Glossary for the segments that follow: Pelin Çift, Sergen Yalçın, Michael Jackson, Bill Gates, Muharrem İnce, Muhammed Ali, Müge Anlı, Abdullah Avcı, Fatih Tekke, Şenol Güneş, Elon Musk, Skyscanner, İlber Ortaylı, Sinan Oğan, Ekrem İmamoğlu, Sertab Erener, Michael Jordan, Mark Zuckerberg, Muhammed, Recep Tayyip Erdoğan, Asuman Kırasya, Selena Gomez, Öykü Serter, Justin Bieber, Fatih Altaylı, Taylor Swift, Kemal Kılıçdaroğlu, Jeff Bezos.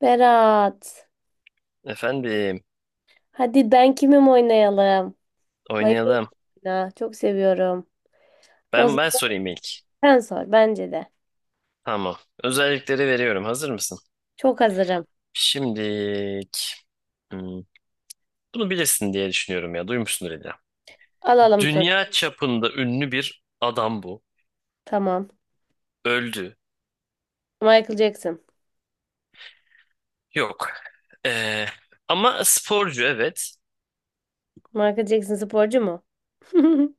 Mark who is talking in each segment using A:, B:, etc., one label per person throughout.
A: Berat.
B: Efendim,
A: Hadi ben kimim oynayalım. Bayılıyorum
B: oynayalım.
A: oyuna. Çok seviyorum. O
B: Ben
A: zaman
B: sorayım ilk.
A: sen sor bence de.
B: Tamam. Özellikleri veriyorum. Hazır mısın?
A: Çok hazırım.
B: Şimdilik. hmm, bunu bilirsin diye düşünüyorum ya. Duymuşsundur illa.
A: Alalım soru.
B: Dünya çapında ünlü bir adam bu.
A: Tamam.
B: Öldü.
A: Michael Jackson.
B: Yok. Ee, ama sporcu evet.
A: Michael Jackson sporcu mu?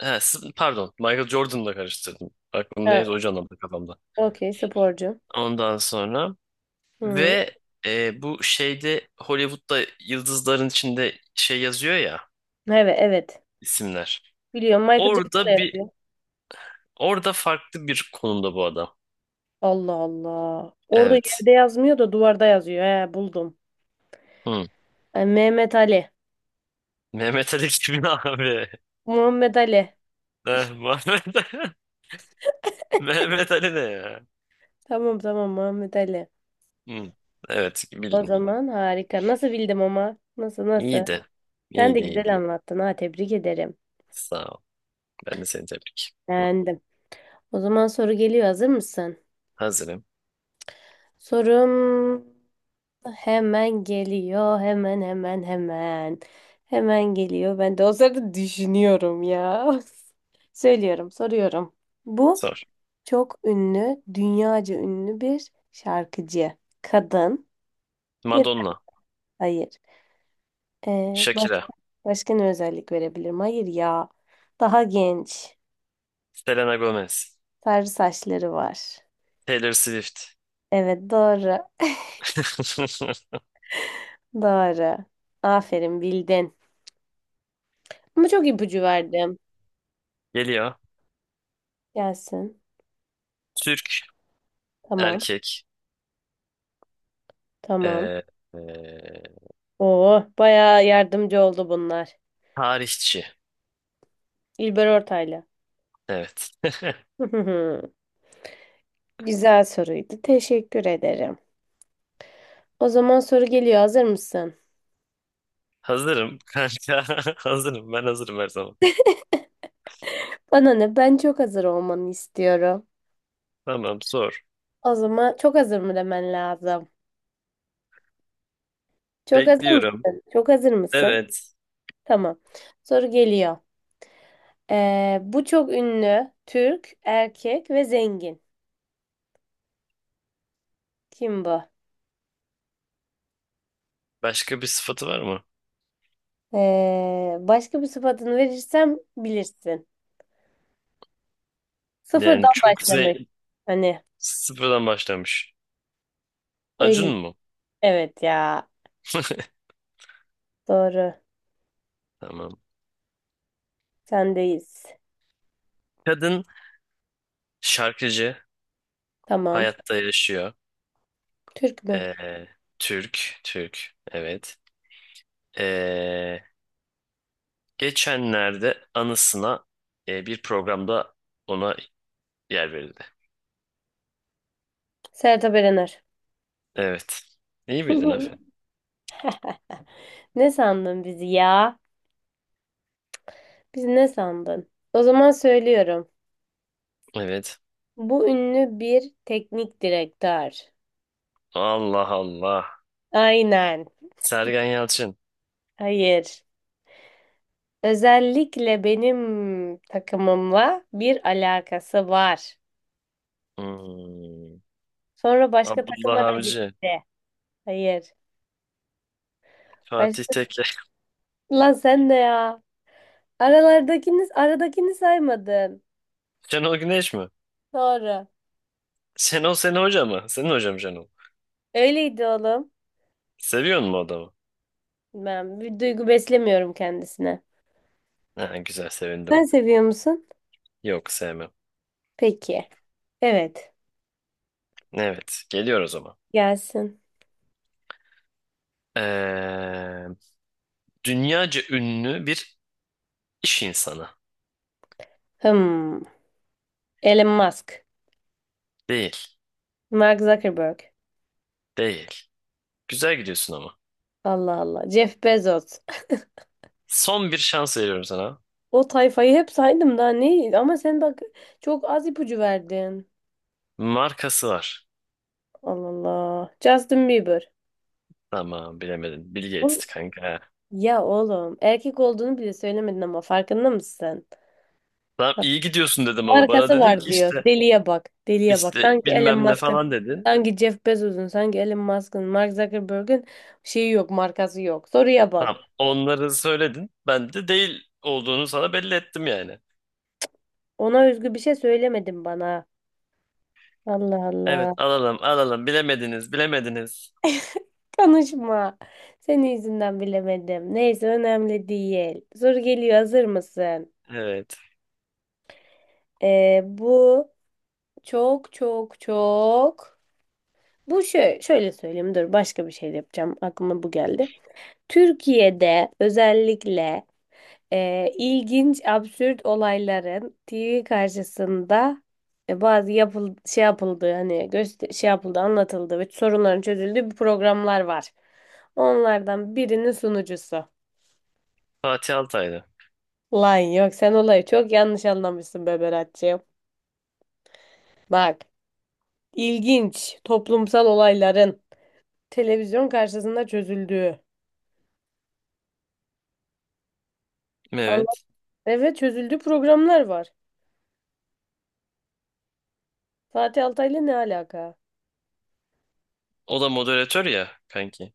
B: Ha, pardon. Michael Jordan'la karıştırdım. Aklım
A: Ha,
B: neyse o canlandı kafamda.
A: okey sporcu.
B: Ondan sonra
A: Hı.
B: ve bu şeyde Hollywood'da yıldızların içinde şey yazıyor ya,
A: Evet evet.
B: isimler.
A: Biliyorum Michael Jackson da
B: Orada bir
A: yapıyor.
B: orada farklı bir konumda bu adam.
A: Allah Allah. Orada
B: Evet.
A: yerde yazmıyor da duvarda yazıyor. He buldum.
B: Hı.
A: Ay, Mehmet Ali.
B: Mehmet Ali kimin abi?
A: Muhammed Ali.
B: Muhammed. Mehmet Ali ne ya?
A: Tamam tamam Muhammed Ali.
B: Hı. Evet,
A: O
B: bildin.
A: zaman harika. Nasıl bildim ama? Nasıl nasıl?
B: İyiydi.
A: Sen de
B: İyiydi, iyiydi.
A: güzel anlattın ha, tebrik ederim.
B: Sağ ol. Ben de seni tebrik. Hı.
A: Beğendim. O zaman soru geliyor, hazır mısın?
B: Hazırım.
A: Sorum hemen geliyor hemen hemen hemen. Hemen geliyor. Ben de o sırada düşünüyorum ya. Söylüyorum, soruyorum. Bu
B: Sor.
A: çok ünlü, dünyaca ünlü bir şarkıcı. Kadın. Ya da-
B: Madonna.
A: hayır. Ee, başka,
B: Shakira.
A: başka ne özellik verebilirim? Hayır ya. Daha genç.
B: Selena Gomez.
A: Sarı saçları var.
B: Taylor Swift.
A: Evet doğru. Doğru. Aferin bildin. Ama çok ipucu verdim.
B: Geliyor.
A: Gelsin.
B: Türk,
A: Tamam.
B: erkek.
A: Tamam.
B: Ee, ee,
A: Oo, bayağı yardımcı oldu bunlar.
B: tarihçi.
A: İlber Ortaylı.
B: Evet.
A: Güzel soruydu. Teşekkür ederim. O zaman soru geliyor. Hazır mısın?
B: Hazırım kanka. Hazırım. Ben hazırım her zaman.
A: Bana ne? Ben çok hazır olmanı istiyorum.
B: Tamam, sor.
A: O zaman çok hazır mı demen lazım? Çok hazır
B: Bekliyorum.
A: mısın? Çok hazır mısın?
B: Evet.
A: Tamam. Soru geliyor. Bu çok ünlü, Türk, erkek ve zengin. Kim bu?
B: Başka bir sıfatı var mı?
A: Başka bir sıfatını verirsem bilirsin.
B: Yani
A: Sıfırdan
B: çok zen
A: başlamak. Hani
B: sıfırdan başlamış. Acun
A: öyle.
B: mu?
A: Evet ya. Doğru.
B: Tamam.
A: Sendeyiz.
B: Kadın, şarkıcı.
A: Tamam.
B: Hayatta yaşıyor.
A: Türk mü?
B: Ee, Türk. Türk. Evet. Ee, geçenlerde anısına bir programda ona yer verildi.
A: Sertab Erener.
B: Evet. İyi bildin, aferin.
A: Ne sandın bizi ya? Biz ne sandın? O zaman söylüyorum.
B: Evet.
A: Bu ünlü bir teknik direktör.
B: Allah Allah.
A: Aynen.
B: Sergen Yalçın.
A: Hayır. Özellikle benim takımımla bir alakası var.
B: Hmm.
A: Sonra başka
B: Abdullah
A: takıma da
B: Avcı.
A: gitti. Hayır.
B: Fatih
A: Başka...
B: Tekke.
A: Lan sen de ya. Aralardakini, aradakini saymadın.
B: Şenol Güneş mi?
A: Doğru.
B: Şenol senin hoca mı? Senin hocam Şenol.
A: Öyleydi oğlum.
B: Seviyor musun o adamı?
A: Ben bir duygu beslemiyorum kendisine.
B: Ha, güzel, sevindim.
A: Sen seviyor musun?
B: Yok, sevmem.
A: Peki. Evet.
B: Evet, geliyor o zaman.
A: Gelsin.
B: Ee, dünyaca ünlü bir iş insanı.
A: Hmm. Elon Musk.
B: Değil.
A: Mark Zuckerberg.
B: Değil. Güzel gidiyorsun ama.
A: Allah Allah. Jeff Bezos.
B: Son bir şans veriyorum sana.
A: O tayfayı hep saydım, daha ne? Ama sen bak, çok az ipucu verdin.
B: Markası var.
A: Allah Allah. Justin Bieber.
B: Tamam, bilemedin. Bill
A: Oğlum-
B: Gates kanka.
A: Ya oğlum erkek olduğunu bile söylemedin ama farkında mısın?
B: Tamam, iyi gidiyorsun dedim ama bana
A: Markası
B: dedin
A: var
B: ki
A: diyor.
B: işte,
A: Deliye bak. Deliye bak.
B: işte
A: Sanki Elon
B: bilmem ne
A: Musk'ın,
B: falan dedin.
A: sanki Jeff Bezos'un, sanki Elon Musk'ın, Mark Zuckerberg'ün şeyi yok, markası yok. Soruya
B: Tamam.
A: bak.
B: Onları söyledin. Ben de değil olduğunu sana belli ettim yani.
A: Ona özgü bir şey söylemedin bana. Allah
B: Evet,
A: Allah.
B: alalım alalım. Bilemediniz, bilemediniz.
A: Konuşma. Senin yüzünden bilemedim. Neyse önemli değil. Soru geliyor. Hazır mısın?
B: Evet.
A: Bu çok çok çok. Bu şöyle söyleyeyim. Dur, başka bir şey de yapacağım. Aklıma bu geldi. Türkiye'de özellikle ilginç, absürt olayların TV karşısında bazı şey yapıldığı, hani şey yapıldı, anlatıldı ve sorunların çözüldüğü bir programlar var. Onlardan birinin sunucusu.
B: Fatih Altaylı.
A: Lan yok, sen olayı çok yanlış anlamışsın be Berat'cığım. Bak, ilginç toplumsal olayların televizyon karşısında çözüldüğü. Anlat,
B: Evet.
A: evet çözüldüğü programlar var. Fatih Altaylı ne alaka?
B: O da moderatör ya kanki.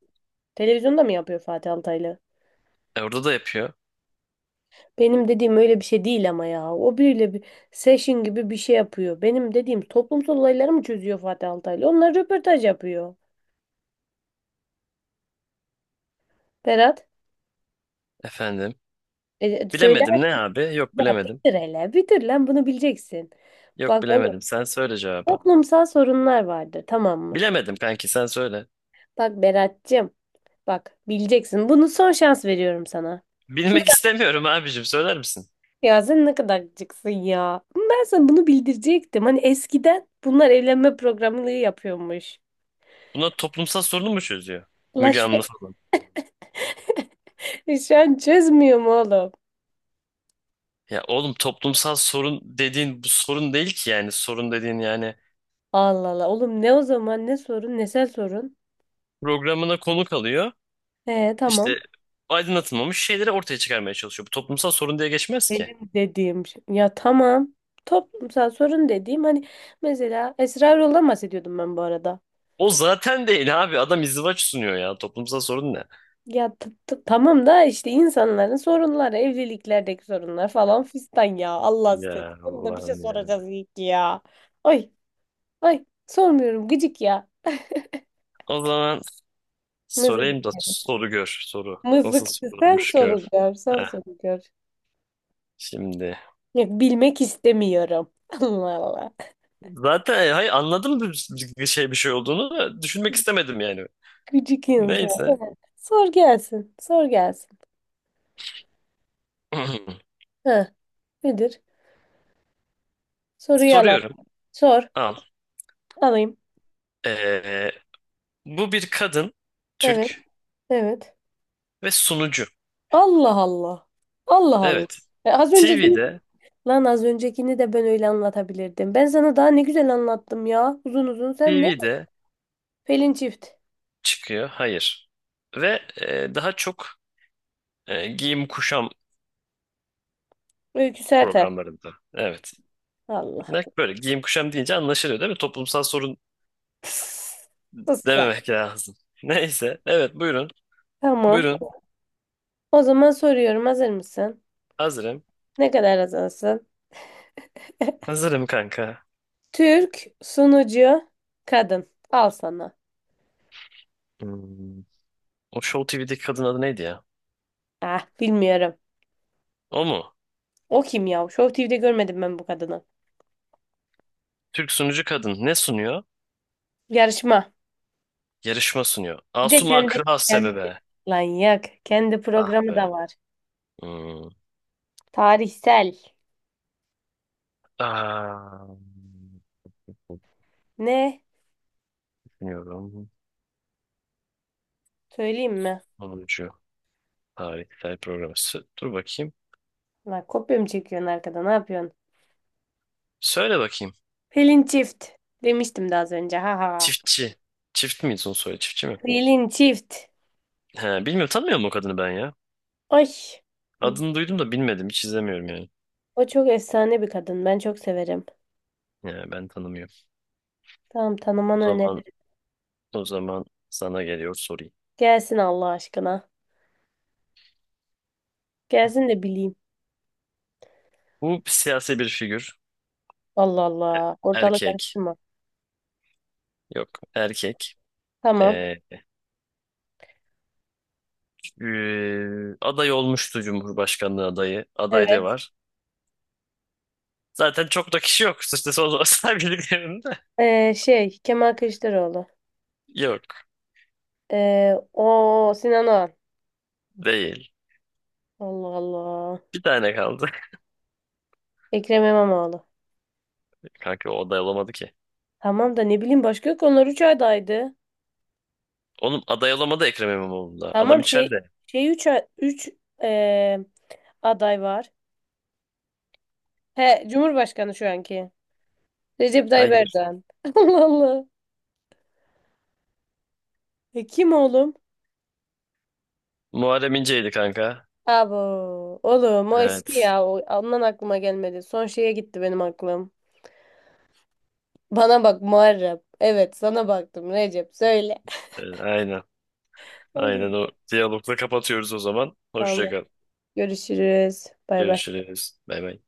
A: Televizyonda mı yapıyor Fatih Altaylı?
B: Orada da yapıyor.
A: Benim dediğim öyle bir şey değil ama ya. O biriyle bir session gibi bir şey yapıyor. Benim dediğim toplumsal olayları mı çözüyor Fatih Altaylı? Onlar röportaj yapıyor. Berat,
B: Efendim.
A: söyle
B: Bilemedim ne abi? Yok,
A: ya,
B: bilemedim.
A: bitir hele. Bitir lan, bunu bileceksin.
B: Yok,
A: Bak oğlum,
B: bilemedim. Sen söyle cevabı.
A: toplumsal sorunlar vardır, tamam mı?
B: Bilemedim kanki, sen söyle.
A: Bak Berat'cığım, bak bileceksin. Bunu son şans veriyorum sana. Şunu
B: Bilmek istemiyorum abicim, söyler misin?
A: ya, sen ne kadar gıcıksın ya. Ben sana bunu bildirecektim. Hani eskiden bunlar evlenme programını yapıyormuş.
B: Bunlar toplumsal sorunu mu çözüyor?
A: La
B: Müge
A: şu,
B: Anlı falan.
A: şu an çözmüyor mu oğlum?
B: Ya oğlum, toplumsal sorun dediğin bu sorun değil ki yani. Sorun dediğin yani,
A: Allah Allah. Oğlum ne o zaman, ne sorun, nesel sorun.
B: programına konuk alıyor.
A: He tamam.
B: İşte aydınlatılmamış şeyleri ortaya çıkarmaya çalışıyor. Bu toplumsal sorun diye geçmez ki.
A: Benim dediğim şey. Ya tamam. Toplumsal sorun dediğim hani, mesela Esrarol'dan bahsediyordum ben bu arada.
B: O zaten değil abi. Adam izdivaç sunuyor ya. Toplumsal sorun ne?
A: Ya tamam da işte insanların sorunları, evliliklerdeki sorunlar falan fistan ya. Allah seni.
B: Ya
A: Onu da bir şey
B: Allah'ım ya.
A: soracağız ilk ya. Ay, ay sormuyorum gıcık ya.
B: O zaman
A: Mızık.
B: sorayım da soru gör. Soru. Nasıl
A: Mızıkçı sen
B: sorulmuş gör.
A: soruluyor, sen
B: Heh,
A: soruluyor.
B: şimdi.
A: Ya bilmek istemiyorum. Allah Allah.
B: Zaten hayır, anladım bir şey olduğunu da düşünmek istemedim yani.
A: Gıcık insan.
B: Neyse.
A: Sor gelsin. Sor gelsin. Ha, nedir? Soruyu alalım.
B: Soruyorum.
A: Sor.
B: Al.
A: Alayım.
B: Ee, bu bir kadın,
A: Evet.
B: Türk
A: Evet.
B: ve sunucu.
A: Allah Allah. Allah Allah.
B: Evet.
A: Az önceki.
B: TV'de,
A: Lan az öncekini de ben öyle anlatabilirdim. Ben sana daha ne güzel anlattım ya. Uzun uzun sen ne?
B: TV'de
A: Pelin Çift.
B: çıkıyor. Hayır. Ve daha çok giyim kuşam
A: Öykü Serter.
B: programlarında. Evet.
A: Allah.
B: Böyle giyim kuşam deyince anlaşılıyor değil mi? Toplumsal sorun
A: Pıs, sus be.
B: dememek lazım. Neyse. Evet, buyurun.
A: Tamam.
B: Buyurun.
A: O zaman soruyorum. Hazır mısın?
B: Hazırım.
A: Ne kadar hazırsın?
B: Hazırım kanka.
A: Türk sunucu kadın. Al sana.
B: Hmm. O Show TV'deki kadın adı neydi ya?
A: Ah bilmiyorum.
B: O mu?
A: O kim ya? Show TV'de görmedim ben bu kadını.
B: Türk sunucu kadın ne sunuyor?
A: Yarışma.
B: Yarışma sunuyor.
A: Bir de
B: Asuman
A: kendi,
B: Kırasya mı
A: kendi
B: be?
A: lan yak. Kendi
B: Ah
A: programı
B: be.
A: da var.
B: Hmm.
A: Tarihsel.
B: Aa,
A: Ne?
B: düşünüyorum.
A: Söyleyeyim mi?
B: Sunucu. Tarihsel program. Dur bakayım.
A: Lan kopya mı çekiyorsun arkada? Ne yapıyorsun?
B: Söyle bakayım.
A: Pelin Çift. Demiştim daha az önce. Ha ha.
B: Çiftçi. Çift mi son soyadı? Çiftçi mi?
A: Pelin Çift.
B: He, bilmiyorum, tanımıyorum o kadını ben ya.
A: Ay.
B: Adını duydum da bilmedim. Hiç izlemiyorum yani.
A: O çok efsane bir kadın. Ben çok severim.
B: Ya, ben tanımıyorum.
A: Tamam,
B: O
A: tanımanı
B: zaman
A: öneririm.
B: o zaman sana geliyor, sorayım.
A: Gelsin Allah aşkına. Gelsin de bileyim.
B: Bu siyasi bir figür.
A: Allah Allah. Ortalık
B: Erkek.
A: karıştırma.
B: Yok. Erkek.
A: Tamam.
B: Ee, aday olmuştu, Cumhurbaşkanlığı adayı. Adaylığı
A: Evet.
B: var. Zaten çok da kişi yok. İşte son olarak.
A: Şey Kemal Kılıçdaroğlu.
B: Yok.
A: O Sinan Oğan.
B: Değil.
A: Allah Allah.
B: Bir tane kaldı.
A: Ekrem İmamoğlu.
B: Kanka, o aday olamadı ki.
A: Tamam da ne bileyim, başka yok. Onlar 3 adaydı.
B: Oğlum, aday olamadı Ekrem İmamoğlu'nda. Adam
A: Tamam şey
B: içeride.
A: şey 3 aday var. He Cumhurbaşkanı şu anki. Recep Tayyip
B: Hayır.
A: Erdoğan. Allah Allah. E, kim oğlum?
B: Muharrem İnce'ydi kanka.
A: Abo. Oğlum o eski
B: Evet.
A: ya. Ondan aklıma gelmedi. Son şeye gitti benim aklım. Bana bak Muharrem. Evet sana baktım, Recep söyle.
B: Aynen.
A: O
B: Aynen
A: gün.
B: o diyalogla kapatıyoruz o zaman. Hoşça
A: Tamam.
B: kal.
A: Görüşürüz. Bay bay.
B: Görüşürüz. Bay bay.